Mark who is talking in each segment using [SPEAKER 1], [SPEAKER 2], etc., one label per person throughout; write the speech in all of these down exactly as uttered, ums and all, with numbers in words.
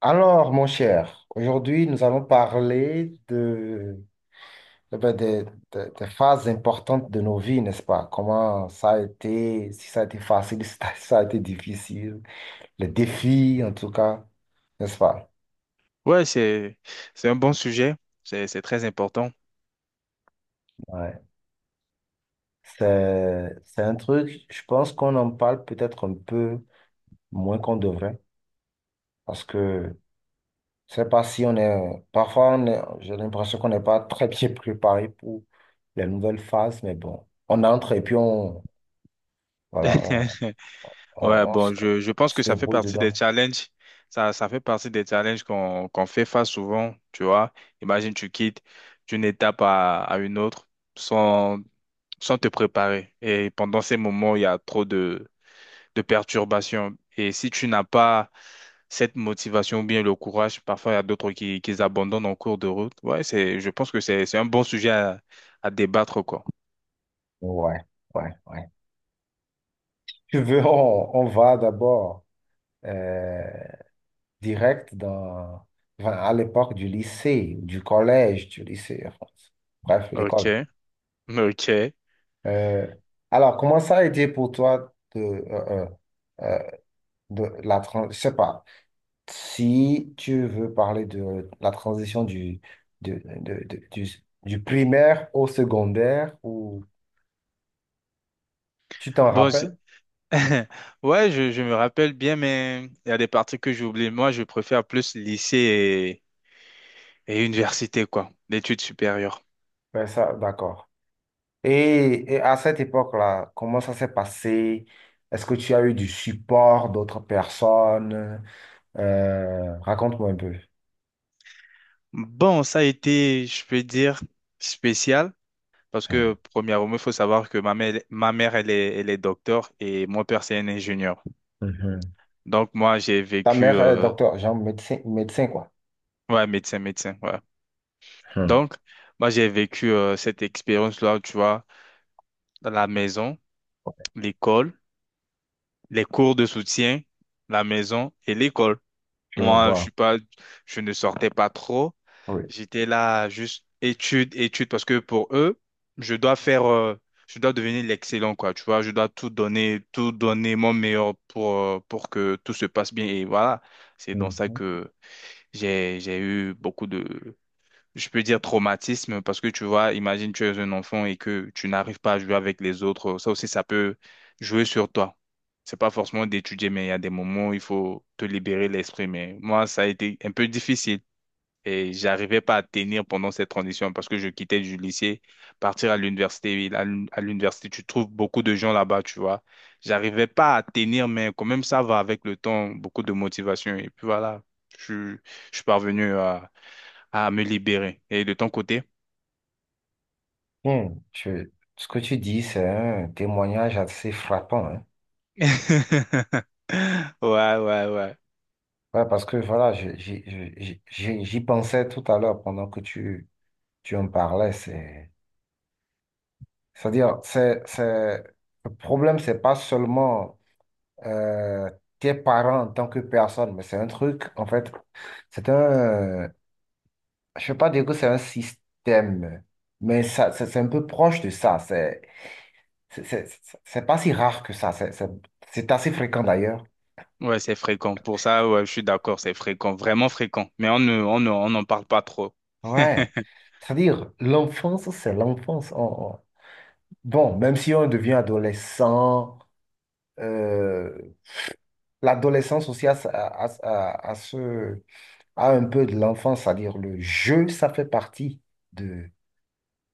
[SPEAKER 1] Alors, mon cher, aujourd'hui, nous allons parler de, eh ben, des, des- des phases importantes de nos vies, n'est-ce pas? Comment ça a été, si ça a été facile, si ça a été difficile, les défis, en tout cas, n'est-ce pas?
[SPEAKER 2] Ouais, c'est, c'est un bon sujet. C'est, c'est très important.
[SPEAKER 1] Ouais. C'est, c'est un truc, je pense qu'on en parle peut-être un peu moins qu'on devrait, parce que je sais pas si on est, parfois, on est- j'ai l'impression qu'on n'est pas très bien préparé pour les nouvelles phases, mais bon, on entre et puis voilà, on, on-
[SPEAKER 2] Ouais,
[SPEAKER 1] on s-
[SPEAKER 2] bon, je, je
[SPEAKER 1] on
[SPEAKER 2] pense
[SPEAKER 1] se
[SPEAKER 2] que ça fait
[SPEAKER 1] débrouille
[SPEAKER 2] partie des
[SPEAKER 1] dedans.
[SPEAKER 2] challenges. Ça, ça fait partie des challenges qu'on qu'on fait face souvent, tu vois. Imagine, tu quittes d'une étape à, à une autre sans, sans te préparer. Et pendant ces moments, il y a trop de, de perturbations. Et si tu n'as pas cette motivation ou bien le courage, parfois il y a d'autres qui, qui abandonnent en cours de route. Ouais, c'est, je pense que c'est, c'est un bon sujet à, à débattre, quoi.
[SPEAKER 1] Ouais, ouais, ouais. Tu veux, on, on va d'abord euh, direct dans, enfin, à l'époque du lycée, du collège, du lycée, enfin, bref, l'école.
[SPEAKER 2] Ok. Ok.
[SPEAKER 1] Euh, alors, comment ça a été pour toi de, euh, euh, euh, de la transition, je sais pas, si tu veux parler de la transition du, de- de- de- du, du primaire au secondaire, ou tu t'en
[SPEAKER 2] Bon, c'est-
[SPEAKER 1] rappelles?
[SPEAKER 2] ouais, je, je me rappelle bien, mais il y a des parties que j'oublie. Moi, je préfère plus lycée et, et université, quoi, l'étude supérieure.
[SPEAKER 1] Ouais, ça, d'accord. Et, et à cette époque-là, comment ça s'est passé? Est-ce que tu as eu du support d'autres personnes? Euh, raconte-moi un peu.
[SPEAKER 2] Bon, ça a été, je peux dire, spécial, parce que,
[SPEAKER 1] Hmm.
[SPEAKER 2] premièrement, il faut savoir que ma mère, ma mère, elle est, elle est docteur et mon père, c'est un ingénieur.
[SPEAKER 1] Mhm.
[SPEAKER 2] Donc, moi, j'ai
[SPEAKER 1] Ta
[SPEAKER 2] vécu,
[SPEAKER 1] mère est
[SPEAKER 2] euh,
[SPEAKER 1] docteur, genre médecin, médecin quoi.
[SPEAKER 2] ouais, médecin, médecin, ouais.
[SPEAKER 1] Hmm.
[SPEAKER 2] Donc, moi, j'ai vécu euh, cette expérience-là, tu vois, dans la maison, l'école. Les cours de soutien, la maison et l'école.
[SPEAKER 1] Je
[SPEAKER 2] Moi, je suis
[SPEAKER 1] vois.
[SPEAKER 2] pas, je ne sortais pas trop.
[SPEAKER 1] Oui.
[SPEAKER 2] J'étais là juste études, études, parce que pour eux, je dois faire, euh, je dois devenir l'excellent, quoi. Tu vois, je dois tout donner, tout donner mon meilleur pour, euh, pour que tout se passe bien. Et voilà, c'est dans ça
[SPEAKER 1] Mhm.
[SPEAKER 2] que j'ai, j'ai eu beaucoup de, je peux dire traumatisme parce que tu vois, imagine tu es un enfant et que tu n'arrives pas à jouer avec les autres, ça aussi ça peut jouer sur toi. C'est pas forcément d'étudier, mais il y a des moments où il faut te libérer l'esprit. Mais moi, ça a été un peu difficile et j'arrivais pas à tenir pendant cette transition parce que je quittais du lycée, partir à l'université. Et là, à l'université, tu trouves beaucoup de gens là-bas, tu vois. J'arrivais pas à tenir, mais quand même ça va avec le temps, beaucoup de motivation et puis voilà, je, je suis parvenu à me libérer. Et de ton côté?
[SPEAKER 1] Hmm. Je- ce que tu dis, c'est un témoignage assez frappant, hein.
[SPEAKER 2] Ouais, ouais, ouais.
[SPEAKER 1] Ouais, parce que voilà, je- j'y j'y- j'y- j'y pensais tout à l'heure pendant que tu, tu en parlais. C'est C'est-à-dire, c'est, c'est, le problème, c'est pas seulement euh, tes parents en tant que personne, mais c'est un truc, en fait, c'est un, je ne veux pas dire que c'est un système, mais ça, c'est c'est un peu proche de ça. C'est, c'est, c'est c'est pas si rare que ça. C'est c'est- c'est assez fréquent d'ailleurs.
[SPEAKER 2] Ouais, c'est fréquent. Pour ça, ouais, je suis d'accord, c'est fréquent, vraiment fréquent. Mais on ne, on ne- on n'en parle pas trop.
[SPEAKER 1] Ouais. C'est-à-dire, l'enfance, c'est l'enfance. On- on- Bon, même si on devient adolescent, euh, l'adolescence aussi à, à, à, à, à un peu de l'enfance, c'est-à-dire le jeu, ça fait partie de,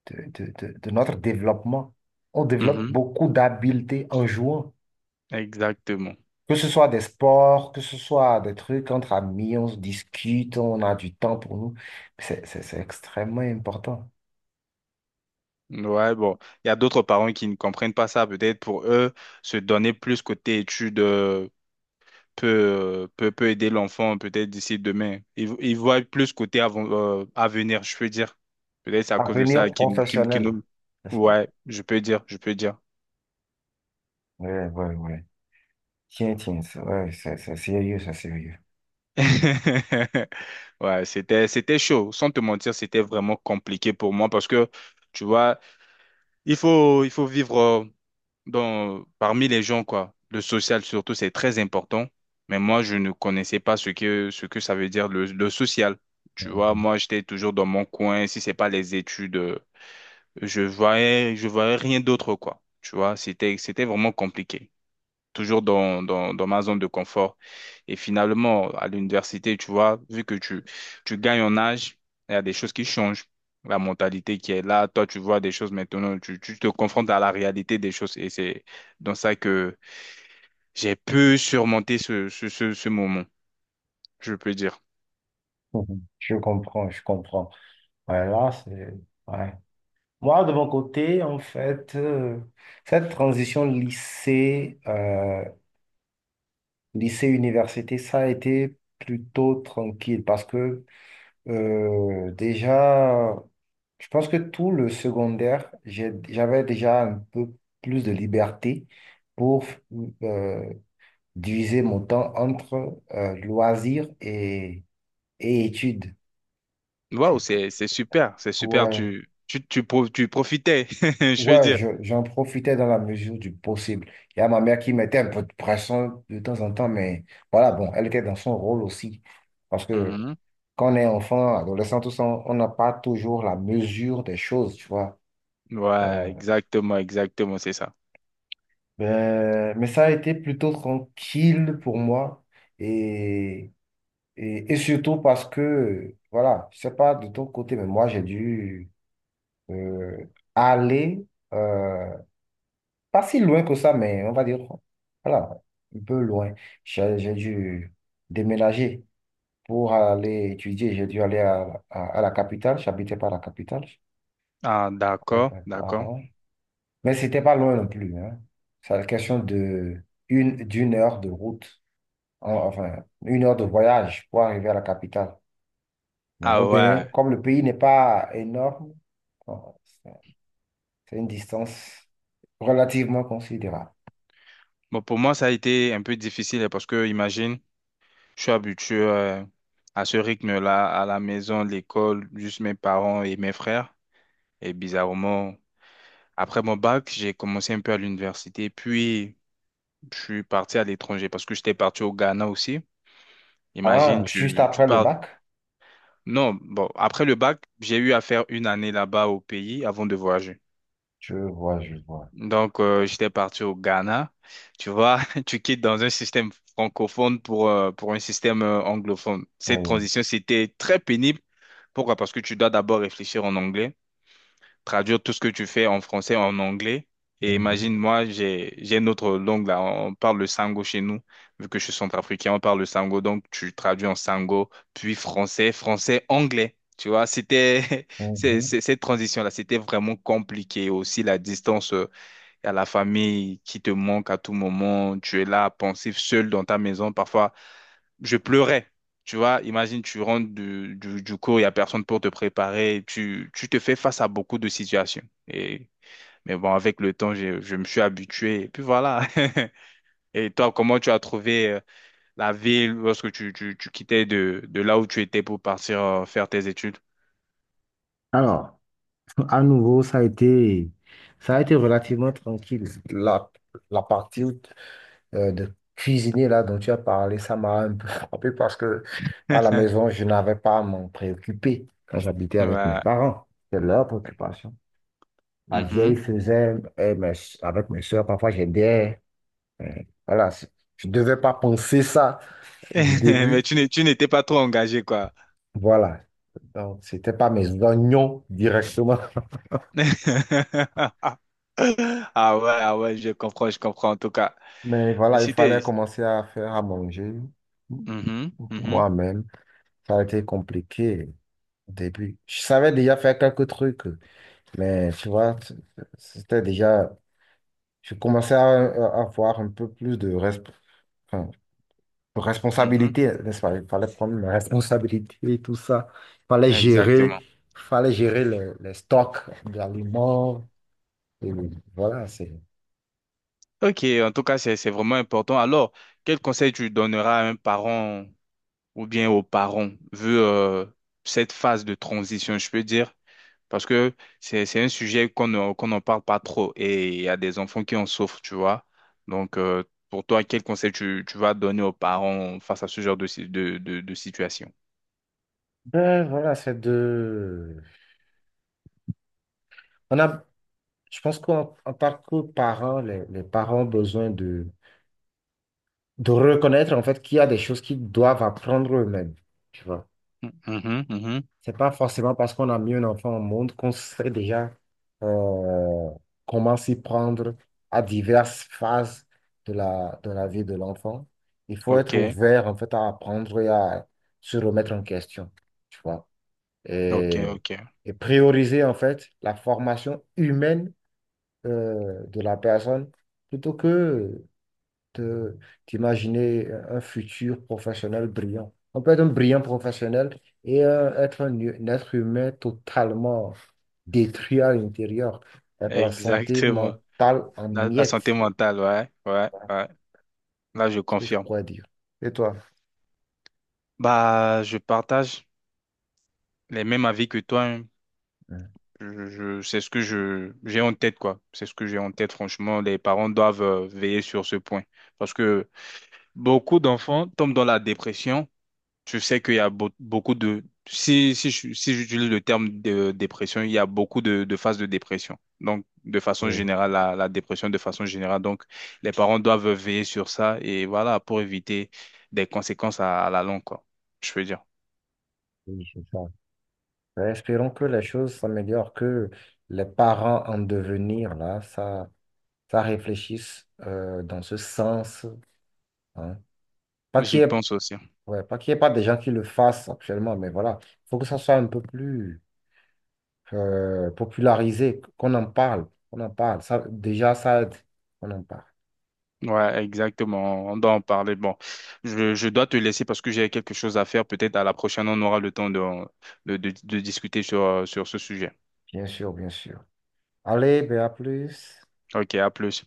[SPEAKER 1] de, de- de- de notre développement. On développe
[SPEAKER 2] Mhm,
[SPEAKER 1] beaucoup d'habiletés en jouant,
[SPEAKER 2] exactement.
[SPEAKER 1] que ce soit des sports, que ce soit des trucs entre amis, on se discute, on a du temps pour nous. C'est, c'est- c'est extrêmement important.
[SPEAKER 2] Ouais, bon, il y a d'autres parents qui ne comprennent pas ça. Peut-être pour eux, se donner plus côté études euh, peut, euh, peut, peut aider l'enfant, peut-être d'ici demain. Ils, ils voient plus côté avant, euh, avenir, je peux dire. Peut-être c'est à cause de ça
[SPEAKER 1] Avenir
[SPEAKER 2] qu'ils, qu'ils, qu'ils
[SPEAKER 1] professionnel,
[SPEAKER 2] nous...
[SPEAKER 1] n'est-ce pas?
[SPEAKER 2] Ouais, je peux dire, je peux dire.
[SPEAKER 1] Oui, oui, oui. Tiens, tiens, ça, ouais, ça, ça, sérieux, ça, sérieux.
[SPEAKER 2] Ouais, c'était, c'était chaud. Sans te mentir, c'était vraiment compliqué pour moi parce que, tu vois, il faut, il faut vivre euh, dans, parmi les gens, quoi. Le social, surtout, c'est très important. Mais moi, je ne connaissais pas ce que, ce que ça veut dire le, le social. Tu vois,
[SPEAKER 1] Mhm.
[SPEAKER 2] moi, j'étais toujours dans mon coin. Si c'est pas les études, euh, je voyais, je voyais rien d'autre, quoi. Tu vois, c'était, c'était vraiment compliqué toujours dans, dans, dans ma zone de confort. Et finalement, à l'université, tu vois, vu que tu, tu gagnes en âge, il y a des choses qui changent. La mentalité qui est là, toi, tu vois des choses maintenant, tu, tu te confrontes à la réalité des choses. Et c'est dans ça que j'ai pu surmonter ce, ce, ce, ce moment, je peux dire.
[SPEAKER 1] Je comprends, je comprends. Ouais, là, c'est... Ouais. Moi, de mon côté, en fait, euh, cette transition lycée, euh, lycée-université, ça a été plutôt tranquille parce que Euh, déjà, je pense que tout le secondaire, j'ai- j'avais déjà un peu plus de liberté pour euh, diviser mon temps entre euh, loisirs et, et études.
[SPEAKER 2] Waouh,
[SPEAKER 1] C'était,
[SPEAKER 2] c'est, c'est super, c'est super,
[SPEAKER 1] ouais,
[SPEAKER 2] tu, tu, tu, pro- tu profitais, je veux
[SPEAKER 1] ouais,
[SPEAKER 2] dire.
[SPEAKER 1] je- j'en profitais dans la mesure du possible. Il y a ma mère qui mettait un peu de pression de temps en temps, mais voilà, bon, elle était dans son rôle aussi. Parce que
[SPEAKER 2] Mhm.
[SPEAKER 1] quand on est enfant, adolescent, tout ça, on on n'a pas toujours la mesure des choses, tu vois. Euh,
[SPEAKER 2] Ouais, exactement, exactement, c'est ça.
[SPEAKER 1] Euh, mais ça a été plutôt tranquille pour moi et, et, et surtout parce que, voilà, je sais pas de ton côté, mais moi j'ai dû euh, aller euh, pas si loin que ça, mais on va dire, voilà, un peu loin. J'ai j'ai dû déménager pour aller étudier. J'ai dû aller à, à, à la capitale. J'habitais pas à la capitale
[SPEAKER 2] Ah,
[SPEAKER 1] avec
[SPEAKER 2] d'accord,
[SPEAKER 1] mes
[SPEAKER 2] d'accord.
[SPEAKER 1] parents, mais c'était pas loin non plus, hein. C'est la question de une, d'une heure de route. En- enfin, une heure de voyage pour arriver à la capitale. Mais
[SPEAKER 2] Ah
[SPEAKER 1] au Bénin,
[SPEAKER 2] ouais.
[SPEAKER 1] comme le pays n'est pas énorme, bon, c'est c'est une distance relativement considérable.
[SPEAKER 2] Bon, pour moi, ça a été un peu difficile hein, parce que, imagine, je suis habitué euh, à ce rythme-là, à la maison, l'école, juste mes parents et mes frères. Et bizarrement, après mon bac, j'ai commencé un peu à l'université, puis je suis parti à l'étranger parce que j'étais parti au Ghana aussi.
[SPEAKER 1] Ah,
[SPEAKER 2] Imagine,
[SPEAKER 1] juste
[SPEAKER 2] tu, tu
[SPEAKER 1] après le
[SPEAKER 2] parles.
[SPEAKER 1] bac,
[SPEAKER 2] Non, bon, après le bac, j'ai eu à faire une année là-bas au pays avant de voyager.
[SPEAKER 1] je vois, je vois.
[SPEAKER 2] Donc, euh, j'étais parti au Ghana. Tu vois, tu quittes dans un système francophone pour, euh, pour un système euh, anglophone. Cette
[SPEAKER 1] Oui.
[SPEAKER 2] transition, c'était très pénible. Pourquoi? Parce que tu dois d'abord réfléchir en anglais, traduire tout ce que tu fais en français en anglais. Et
[SPEAKER 1] Mhm,
[SPEAKER 2] imagine, moi, j'ai, j'ai une autre langue là. On parle le sango chez nous. Vu que je suis centrafricain, on parle le sango. Donc, tu traduis en sango, puis français, français, anglais. Tu vois, c'était c'est-
[SPEAKER 1] mhm.
[SPEAKER 2] c'est- cette transition-là, c'était vraiment compliqué. Aussi, la distance. euh, il y a la famille qui te manque à tout moment. Tu es là, pensif, seul dans ta maison. Parfois, je pleurais. Tu vois, imagine, tu rentres du, du, du cours, il n'y a personne pour te préparer. Tu, tu te fais face à beaucoup de situations. Et, mais bon, avec le temps, j'ai- je me suis habitué. Et puis voilà. Et toi, comment tu as trouvé euh, la ville lorsque tu, tu, tu quittais de, de là où tu étais pour partir euh, faire tes études?
[SPEAKER 1] Alors, à nouveau, ça a été, ça a été relativement tranquille. La, la partie euh, de cuisiner là dont tu as parlé, ça m'a un peu frappé parce que à la maison, je n'avais pas à m'en préoccuper quand j'habitais avec mes
[SPEAKER 2] Ouais.
[SPEAKER 1] parents. C'était leur préoccupation. Ma vieille
[SPEAKER 2] Mhm.
[SPEAKER 1] faisait, et mes- Avec mes soeurs, parfois j'aidais. Euh, Voilà, c'est- je ne devais pas penser ça du
[SPEAKER 2] Mais
[SPEAKER 1] début.
[SPEAKER 2] tu n'es- tu n'étais pas trop engagé, quoi.
[SPEAKER 1] Voilà, donc c'était pas mes oignons directement.
[SPEAKER 2] Ah ouais, ah ouais, je comprends, je comprends en tout cas.
[SPEAKER 1] Mais
[SPEAKER 2] Mais
[SPEAKER 1] voilà, il
[SPEAKER 2] c'était...
[SPEAKER 1] fallait commencer à faire à manger
[SPEAKER 2] Mhm,
[SPEAKER 1] pour
[SPEAKER 2] mhm,
[SPEAKER 1] moi-même. Ça a été compliqué au début. Je savais déjà faire quelques trucs. Mais tu vois, c- c'était déjà, je commençais à, à avoir un peu plus de, resp- enfin, de
[SPEAKER 2] mhm,
[SPEAKER 1] responsabilité, n'est-ce pas? Il fallait prendre mes responsabilités et tout ça. Il fallait gérer,
[SPEAKER 2] exactement.
[SPEAKER 1] il fallait gérer les, les stocks d'aliments. Et voilà, c'est,
[SPEAKER 2] Ok, en tout cas, c'est, c'est vraiment important. Alors, quel conseil tu donneras à un parent ou bien aux parents, vu euh, cette phase de transition, je peux dire? Parce que c'est, c'est un sujet qu'on ne- qu'on n'en parle pas trop et il y a des enfants qui en souffrent, tu vois. Donc, euh, pour toi, quel conseil tu, tu vas donner aux parents face à ce genre de, si- de, de de situation?
[SPEAKER 1] ben, voilà, c'est de, on a, Je pense qu'en en tant que parents, les, les parents ont besoin de, de reconnaître en fait qu'il y a des choses qu'ils doivent apprendre eux-mêmes.
[SPEAKER 2] Mhm, mhm.
[SPEAKER 1] C'est pas forcément parce qu'on a mis un enfant au monde qu'on sait déjà euh, comment s'y prendre à diverses phases de la, de la vie de l'enfant. Il faut
[SPEAKER 2] Ok,
[SPEAKER 1] être ouvert en fait à apprendre et à se remettre en question, tu vois.
[SPEAKER 2] ok,
[SPEAKER 1] Et,
[SPEAKER 2] ok.
[SPEAKER 1] et prioriser en fait la formation humaine euh, de la personne plutôt que te- t'imaginer un futur professionnel brillant. On peut être un brillant professionnel et euh, être un, hu- un être humain totalement détruit à l'intérieur, avec la santé
[SPEAKER 2] Exactement.
[SPEAKER 1] mentale en
[SPEAKER 2] La, la santé
[SPEAKER 1] miettes,
[SPEAKER 2] mentale, ouais, ouais, ouais. Là, je
[SPEAKER 1] ce que je
[SPEAKER 2] confirme.
[SPEAKER 1] pourrais dire. Et toi?
[SPEAKER 2] Bah, je partage les mêmes avis que toi, hein.
[SPEAKER 1] Hein.
[SPEAKER 2] Je, je- c'est ce que je, j'ai en tête, quoi. C'est ce que j'ai en tête, franchement. Les parents doivent euh, veiller sur ce point. Parce que beaucoup d'enfants tombent dans la dépression. Tu sais qu'il y a beau- beaucoup de... Si, si, je- si j'utilise le terme de dépression, il y a beaucoup de, de phases de dépression. Donc, de façon
[SPEAKER 1] Oui,
[SPEAKER 2] générale, la, la dépression de façon générale. Donc, les parents doivent veiller sur ça et voilà, pour éviter des conséquences à, à la longue, quoi. Je veux dire.
[SPEAKER 1] oui, c'est ça. Ben, espérons que les choses s'améliorent, que les parents en devenir, là, ça, ça réfléchisse euh, dans ce sens, hein. Pas qu'il
[SPEAKER 2] J'y
[SPEAKER 1] y ait
[SPEAKER 2] pense aussi.
[SPEAKER 1] Ouais, pas qu'il n'y ait pas des gens qui le fassent actuellement, mais voilà, il faut que ça soit un peu plus euh, popularisé, qu'on en parle, qu'on en parle. Ça, déjà, ça aide, qu'on en parle.
[SPEAKER 2] Ouais, exactement. On doit en parler. Bon, je, je dois te laisser parce que j'ai quelque chose à faire. Peut-être à la prochaine, on aura le temps de, de, de, de discuter sur, sur ce sujet.
[SPEAKER 1] Bien sûr, bien sûr. Allez, ben à plus.
[SPEAKER 2] Ok, à plus.